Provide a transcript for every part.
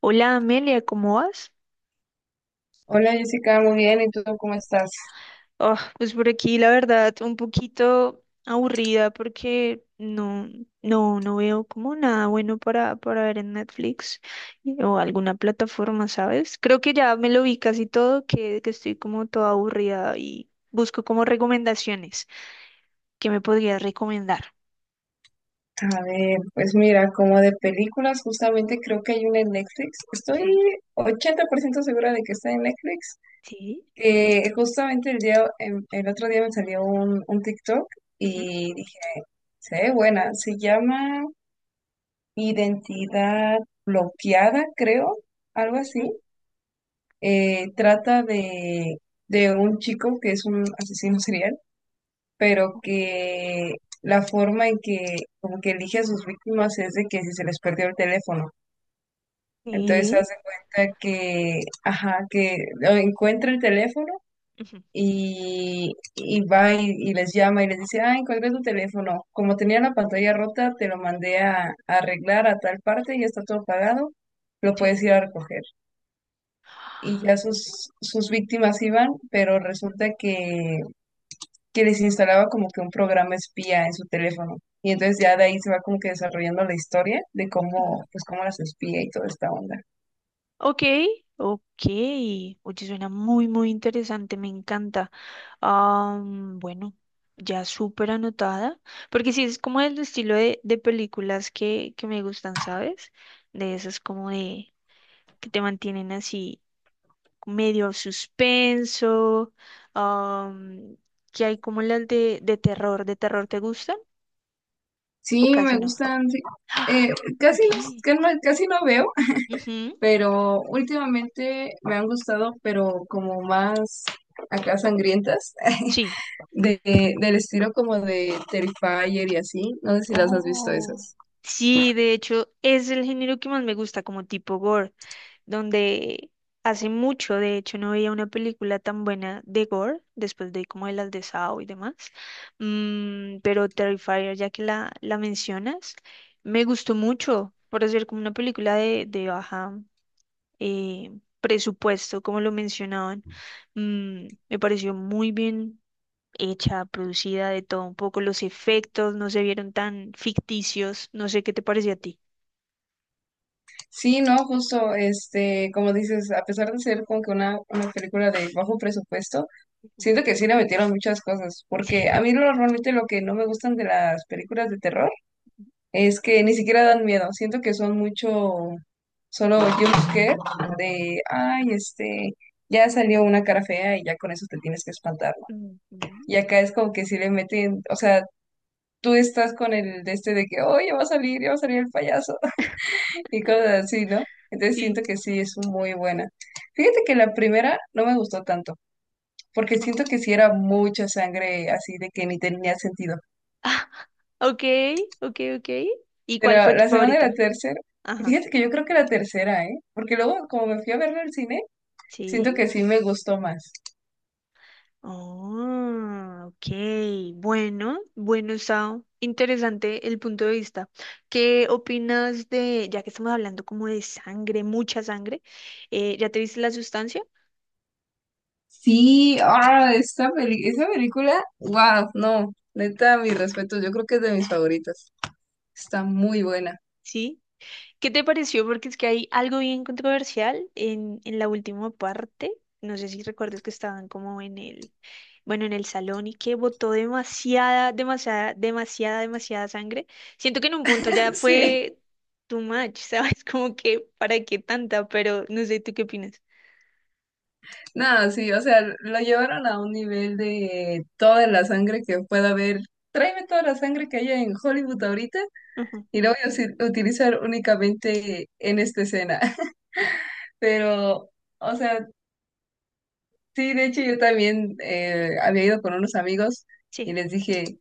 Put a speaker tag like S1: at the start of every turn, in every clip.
S1: Hola Amelia, ¿cómo vas?
S2: Hola Jessica, muy bien, ¿y tú cómo estás?
S1: Ah, pues por aquí la verdad un poquito aburrida porque no veo como nada bueno para ver en Netflix o alguna plataforma, ¿sabes? Creo que ya me lo vi casi todo, que estoy como toda aburrida y busco como recomendaciones. ¿Qué me podrías recomendar?
S2: A ver, pues mira, como de películas, justamente creo que hay una en Netflix. Estoy
S1: Ujú.
S2: 80% segura de que está en Netflix.
S1: Sí.
S2: Que justamente el día, el otro día me salió un TikTok
S1: Ujú.
S2: y dije, se ve buena, se llama Identidad Bloqueada, creo, algo así.
S1: Ujú.
S2: Trata de un chico que es un asesino serial pero que la forma en que como que elige a sus víctimas es de que si se les perdió el teléfono. Entonces se
S1: Sí.
S2: hace cuenta que, ajá, que o encuentra el teléfono
S1: Ujú.
S2: y va y les llama y les dice, ah, encontré tu teléfono. Como tenía la pantalla rota, te lo mandé a arreglar a tal parte, ya está todo pagado, lo puedes ir a recoger. Y ya sus víctimas iban, pero resulta que les instalaba como que un programa espía en su teléfono. Y entonces ya de ahí se va como que desarrollando la historia de
S1: Sí.
S2: cómo, pues cómo las espía y toda esta onda.
S1: Ok, ok. Oye, suena muy interesante, me encanta. Bueno, ya súper anotada, porque sí, es como el estilo de películas que me gustan, ¿sabes? De esas como de que te mantienen así medio suspenso, am, que hay como las de terror. ¿De terror te gustan o
S2: Sí,
S1: casi
S2: me
S1: no?
S2: gustan, sí.
S1: Ah,
S2: Eh, Casi
S1: ok.
S2: no, casi no veo,
S1: Ujú.
S2: pero últimamente me han gustado, pero como más acá sangrientas,
S1: Sí.
S2: de, del estilo como de Terrifier y así. No sé si las has visto
S1: Oh,
S2: esas.
S1: sí, de hecho, es el género que más me gusta, como tipo gore, donde hace mucho, de hecho, no veía una película tan buena de gore, después de como de las de Saw y demás. Mm, pero Terrifier, ya que la mencionas, me gustó mucho por hacer como una película de baja, eh, presupuesto, como lo mencionaban. Mm, me pareció muy bien hecha, producida, de todo un poco. Los efectos no se vieron tan ficticios. No sé qué te pareció a ti.
S2: Sí, no, justo, este, como dices, a pesar de ser como que una película de bajo presupuesto,
S1: Ujú.
S2: siento que sí le metieron muchas cosas,
S1: Sí.
S2: porque a mí normalmente lo que no me gustan de las películas de terror es que ni siquiera dan miedo, siento que son mucho solo jumpscare de, ay, este, ya salió una cara fea y ya con eso te tienes que espantar, ¿no?
S1: Ujú.
S2: Y acá es como que sí le meten, o sea, tú estás con el de este de que, oh, ya va a salir, ya va a salir el payaso y cosas así, ¿no? Entonces siento
S1: Sí.
S2: que sí, es muy buena. Fíjate que la primera no me gustó tanto, porque siento que
S1: Ujú.
S2: sí era mucha sangre así de que ni tenía sentido.
S1: Ah, ok, ok, ok. ¿Y
S2: Pero
S1: cuál fue tu
S2: la segunda y la
S1: favorita?
S2: tercera,
S1: Ajá.
S2: fíjate que yo creo que la tercera, ¿eh? Porque luego como me fui a verla al cine, siento
S1: Sí.
S2: que sí me gustó más.
S1: Oh, ok. Bueno, bueno, Sao. Interesante el punto de vista. ¿Qué opinas de, ya que estamos hablando como de sangre, mucha sangre, ya te viste la sustancia?
S2: Sí, ah, esa película, wow, no, neta, mis respetos, yo creo que es de mis favoritas. Está muy buena.
S1: Sí. ¿Qué te pareció? Porque es que hay algo bien controversial en la última parte. No sé si recuerdas que estaban como en el, bueno, en el salón y que botó demasiada sangre. Siento que en un punto ya
S2: Sí.
S1: fue too much, ¿sabes? Como que para qué tanta, pero no sé, ¿tú qué opinas?
S2: Nada, sí, o sea, lo llevaron a un nivel de toda la sangre que pueda haber. Tráeme toda la sangre que haya en Hollywood ahorita
S1: Ujú.
S2: y la voy a utilizar únicamente en esta escena. Pero, o sea, sí, de hecho yo también había ido con unos amigos y
S1: Sí.
S2: les dije,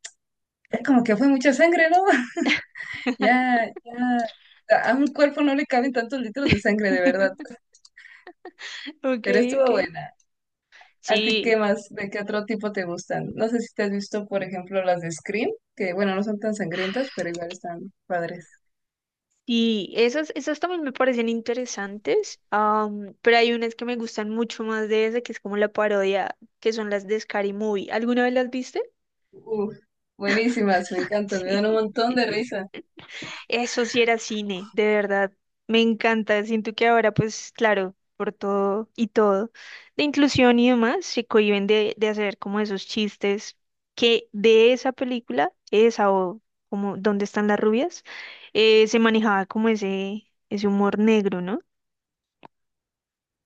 S2: ya como que fue mucha sangre, ¿no? Ya, ya, a un cuerpo no le caben tantos litros de sangre, de verdad.
S1: Ok,
S2: Pero
S1: ok.
S2: estuvo buena. ¿A ti qué
S1: Sí.
S2: más? ¿De qué otro tipo te gustan? No sé si te has visto, por ejemplo, las de Scream, que bueno, no son tan sangrientas, pero igual están padres.
S1: Y esas, esas también me parecen interesantes, pero hay unas que me gustan mucho más de esa, que es como la parodia, que son las de Scary Movie. ¿Alguna vez las viste?
S2: Uf, buenísimas, me encantan, me dan un
S1: Sí.
S2: montón de risa.
S1: Eso sí era cine, de verdad. Me encanta. Siento que ahora, pues claro, por todo y todo, de inclusión y demás, se cohíben de hacer como esos chistes que de esa película, esa o como ¿Dónde están las rubias? Se manejaba como ese humor negro, ¿no?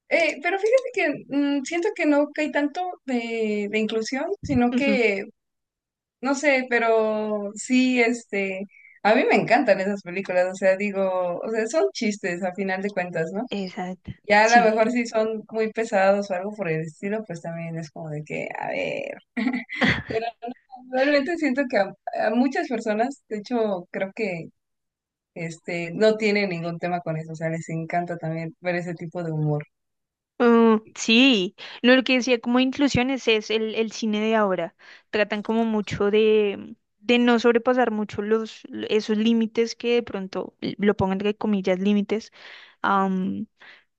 S2: Pero fíjate que siento que no hay tanto de inclusión, sino
S1: Ujú.
S2: que, no sé, pero sí, este, a mí me encantan esas películas, o sea, digo, o sea, son chistes a final de cuentas, ¿no?
S1: Exacto,
S2: Ya a lo
S1: sí.
S2: mejor si son muy pesados o algo por el estilo, pues también es como de que, a ver. Realmente siento que a muchas personas, de hecho, creo que este no tienen ningún tema con eso, o sea, les encanta también ver ese tipo de humor.
S1: Mm, sí, no, lo que decía como inclusiones es el cine de ahora. Tratan como mucho de no sobrepasar mucho esos límites que de pronto lo pongo entre comillas límites, am,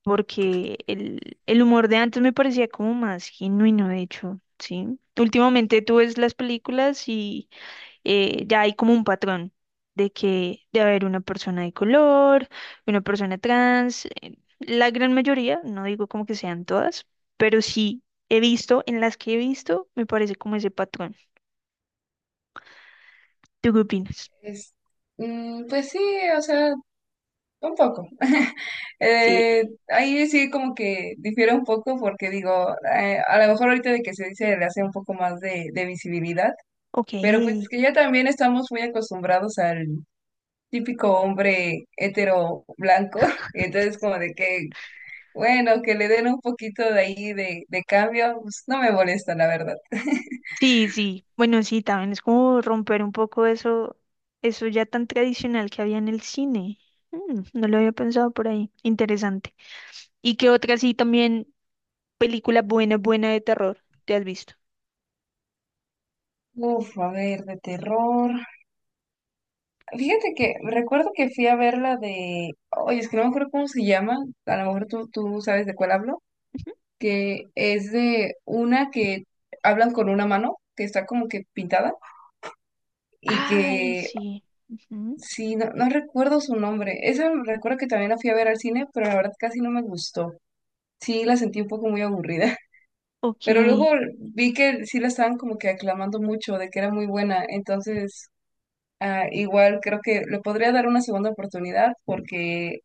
S1: porque el humor de antes me parecía como más genuino, de hecho, sí. Últimamente tú ves las películas, ya hay como un patrón de que debe haber una persona de color, una persona trans, la gran mayoría, no digo como que sean todas, pero sí he visto, en las que he visto, me parece como ese patrón. ¿Tú qué opinas?
S2: Es, pues sí, o sea, un poco.
S1: Sí,
S2: Ahí sí como que difiere un poco porque digo, a lo mejor ahorita de que se dice le hace un poco más de visibilidad,
S1: ok.
S2: pero pues que ya también estamos muy acostumbrados al típico hombre hetero blanco, entonces como de que bueno, que le den un poquito de ahí de cambio, pues, no me molesta, la verdad.
S1: Sí, sí, bueno, sí, también es como romper un poco eso, eso ya tan tradicional que había en el cine. Mm, no lo había pensado por ahí. Interesante. ¿Y qué otra sí también película buena de terror te has visto?
S2: Uf, a ver, de terror. Fíjate que recuerdo que fui a ver la de. Oye, es que no me acuerdo cómo se llama. A lo mejor tú sabes de cuál hablo. Que es de una que hablan con una mano, que está como que pintada. Y
S1: Ay,
S2: que.
S1: sí. Ujú.
S2: Sí, no, no recuerdo su nombre. Esa recuerdo que también la fui a ver al cine, pero la verdad casi no me gustó. Sí, la sentí un poco muy aburrida.
S1: Ok.
S2: Pero luego vi que sí la estaban como que aclamando mucho de que era muy buena, entonces ah, igual creo que le podría dar una segunda oportunidad porque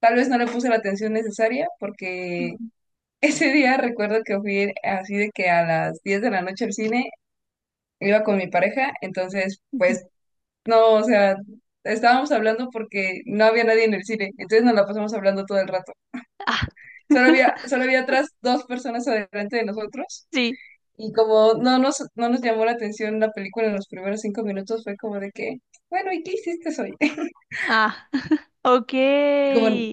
S2: tal vez no le puse la atención necesaria porque
S1: Ujú.
S2: ese día recuerdo que fui así de que a las 10 de la noche al cine iba con mi pareja, entonces
S1: Ujú.
S2: pues no, o sea, estábamos hablando porque no había nadie en el cine, entonces nos la pasamos hablando todo el rato.
S1: Ah,
S2: Solo había, solo había atrás dos personas adelante de nosotros.
S1: sí.
S2: Y como no nos llamó la atención la película en los primeros 5 minutos, fue como de que, bueno, ¿y qué hiciste hoy?
S1: Ah, ok.
S2: Y como,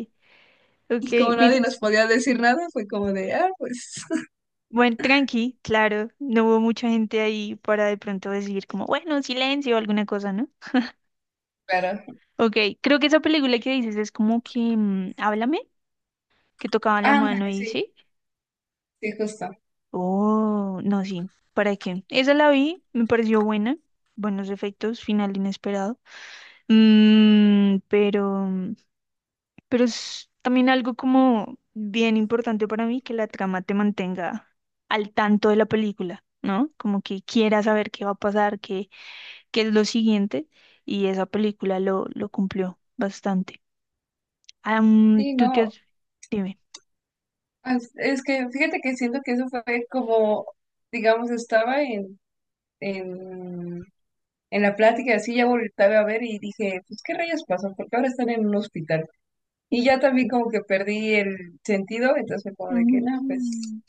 S1: Ok,
S2: y como nadie
S1: mire.
S2: nos podía decir nada, fue como de, ah, pues,
S1: Buen tranqui, claro. No hubo mucha gente ahí para de pronto decir como, bueno, silencio o alguna cosa, ¿no?
S2: claro.
S1: Ok, creo que esa película que dices es como que, mm, háblame, que tocaban la mano
S2: Ándale,
S1: y
S2: sí,
S1: sí.
S2: sí, justo.
S1: Oh, no, sí. ¿Para qué? Esa la vi, me pareció buena. Buenos efectos, final inesperado. Mm, pero es también algo como bien importante para mí que la trama te mantenga al tanto de la película, ¿no? Como que quieras saber qué va a pasar, qué es lo siguiente, y esa película lo cumplió bastante. Am,
S2: Sí,
S1: tú te
S2: no,
S1: has... Dime.
S2: es que fíjate que siento que eso fue como, digamos, estaba en, en la plática, así ya volteaba a ver y dije, pues, ¿qué rayos pasó? Porque ahora están en un hospital. Y ya también como que perdí el sentido, entonces fue como de que, no, pues,
S1: Mm.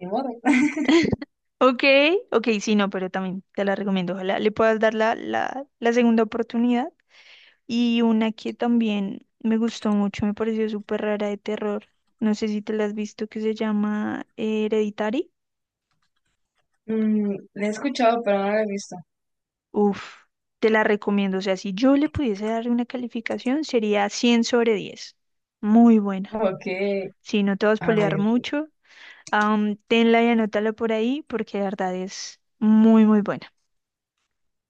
S2: ni modo.
S1: Ok, ok, sí, no, pero también te la recomiendo. Ojalá le puedas dar la segunda oportunidad. Y una que también me gustó mucho, me pareció súper rara de terror. No sé si te la has visto, que se llama Hereditary.
S2: Le he escuchado, pero no la he visto.
S1: Uf, te la recomiendo. O sea, si yo le pudiese dar una calificación, sería 100 sobre 10. Muy buena.
S2: Ok,
S1: Si no te vas a
S2: a
S1: spoilear
S2: ver.
S1: mucho, tenla y anótala por ahí, porque de verdad es muy buena.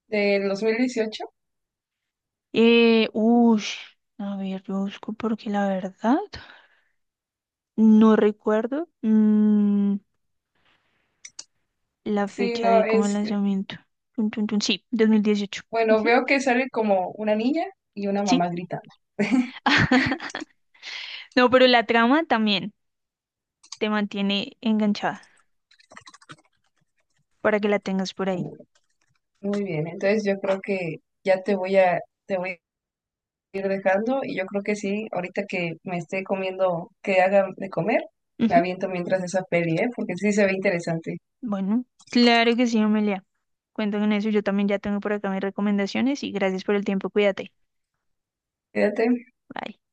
S2: ¿Del 2018?
S1: Eh, uy, a ver, yo busco porque la verdad no recuerdo. Mm, la
S2: Sí,
S1: fecha
S2: no,
S1: de como el lanzamiento. Tun, tun, tun. Sí, 2018.
S2: Bueno,
S1: Ujú.
S2: veo que sale como una niña y una
S1: Sí.
S2: mamá gritando.
S1: No, pero la trama también te mantiene enganchada para que la tengas por ahí.
S2: Mm. Muy bien, entonces yo creo que ya te voy a ir dejando y yo creo que sí, ahorita que me esté comiendo, que haga de comer, me
S1: Ujú.
S2: aviento mientras esa peli, ¿eh? Porque sí se ve interesante.
S1: Bueno, claro que sí, Amelia. Cuento con eso. Yo también ya tengo por acá mis recomendaciones y gracias por el tiempo. Cuídate.
S2: Quédate.
S1: Bye.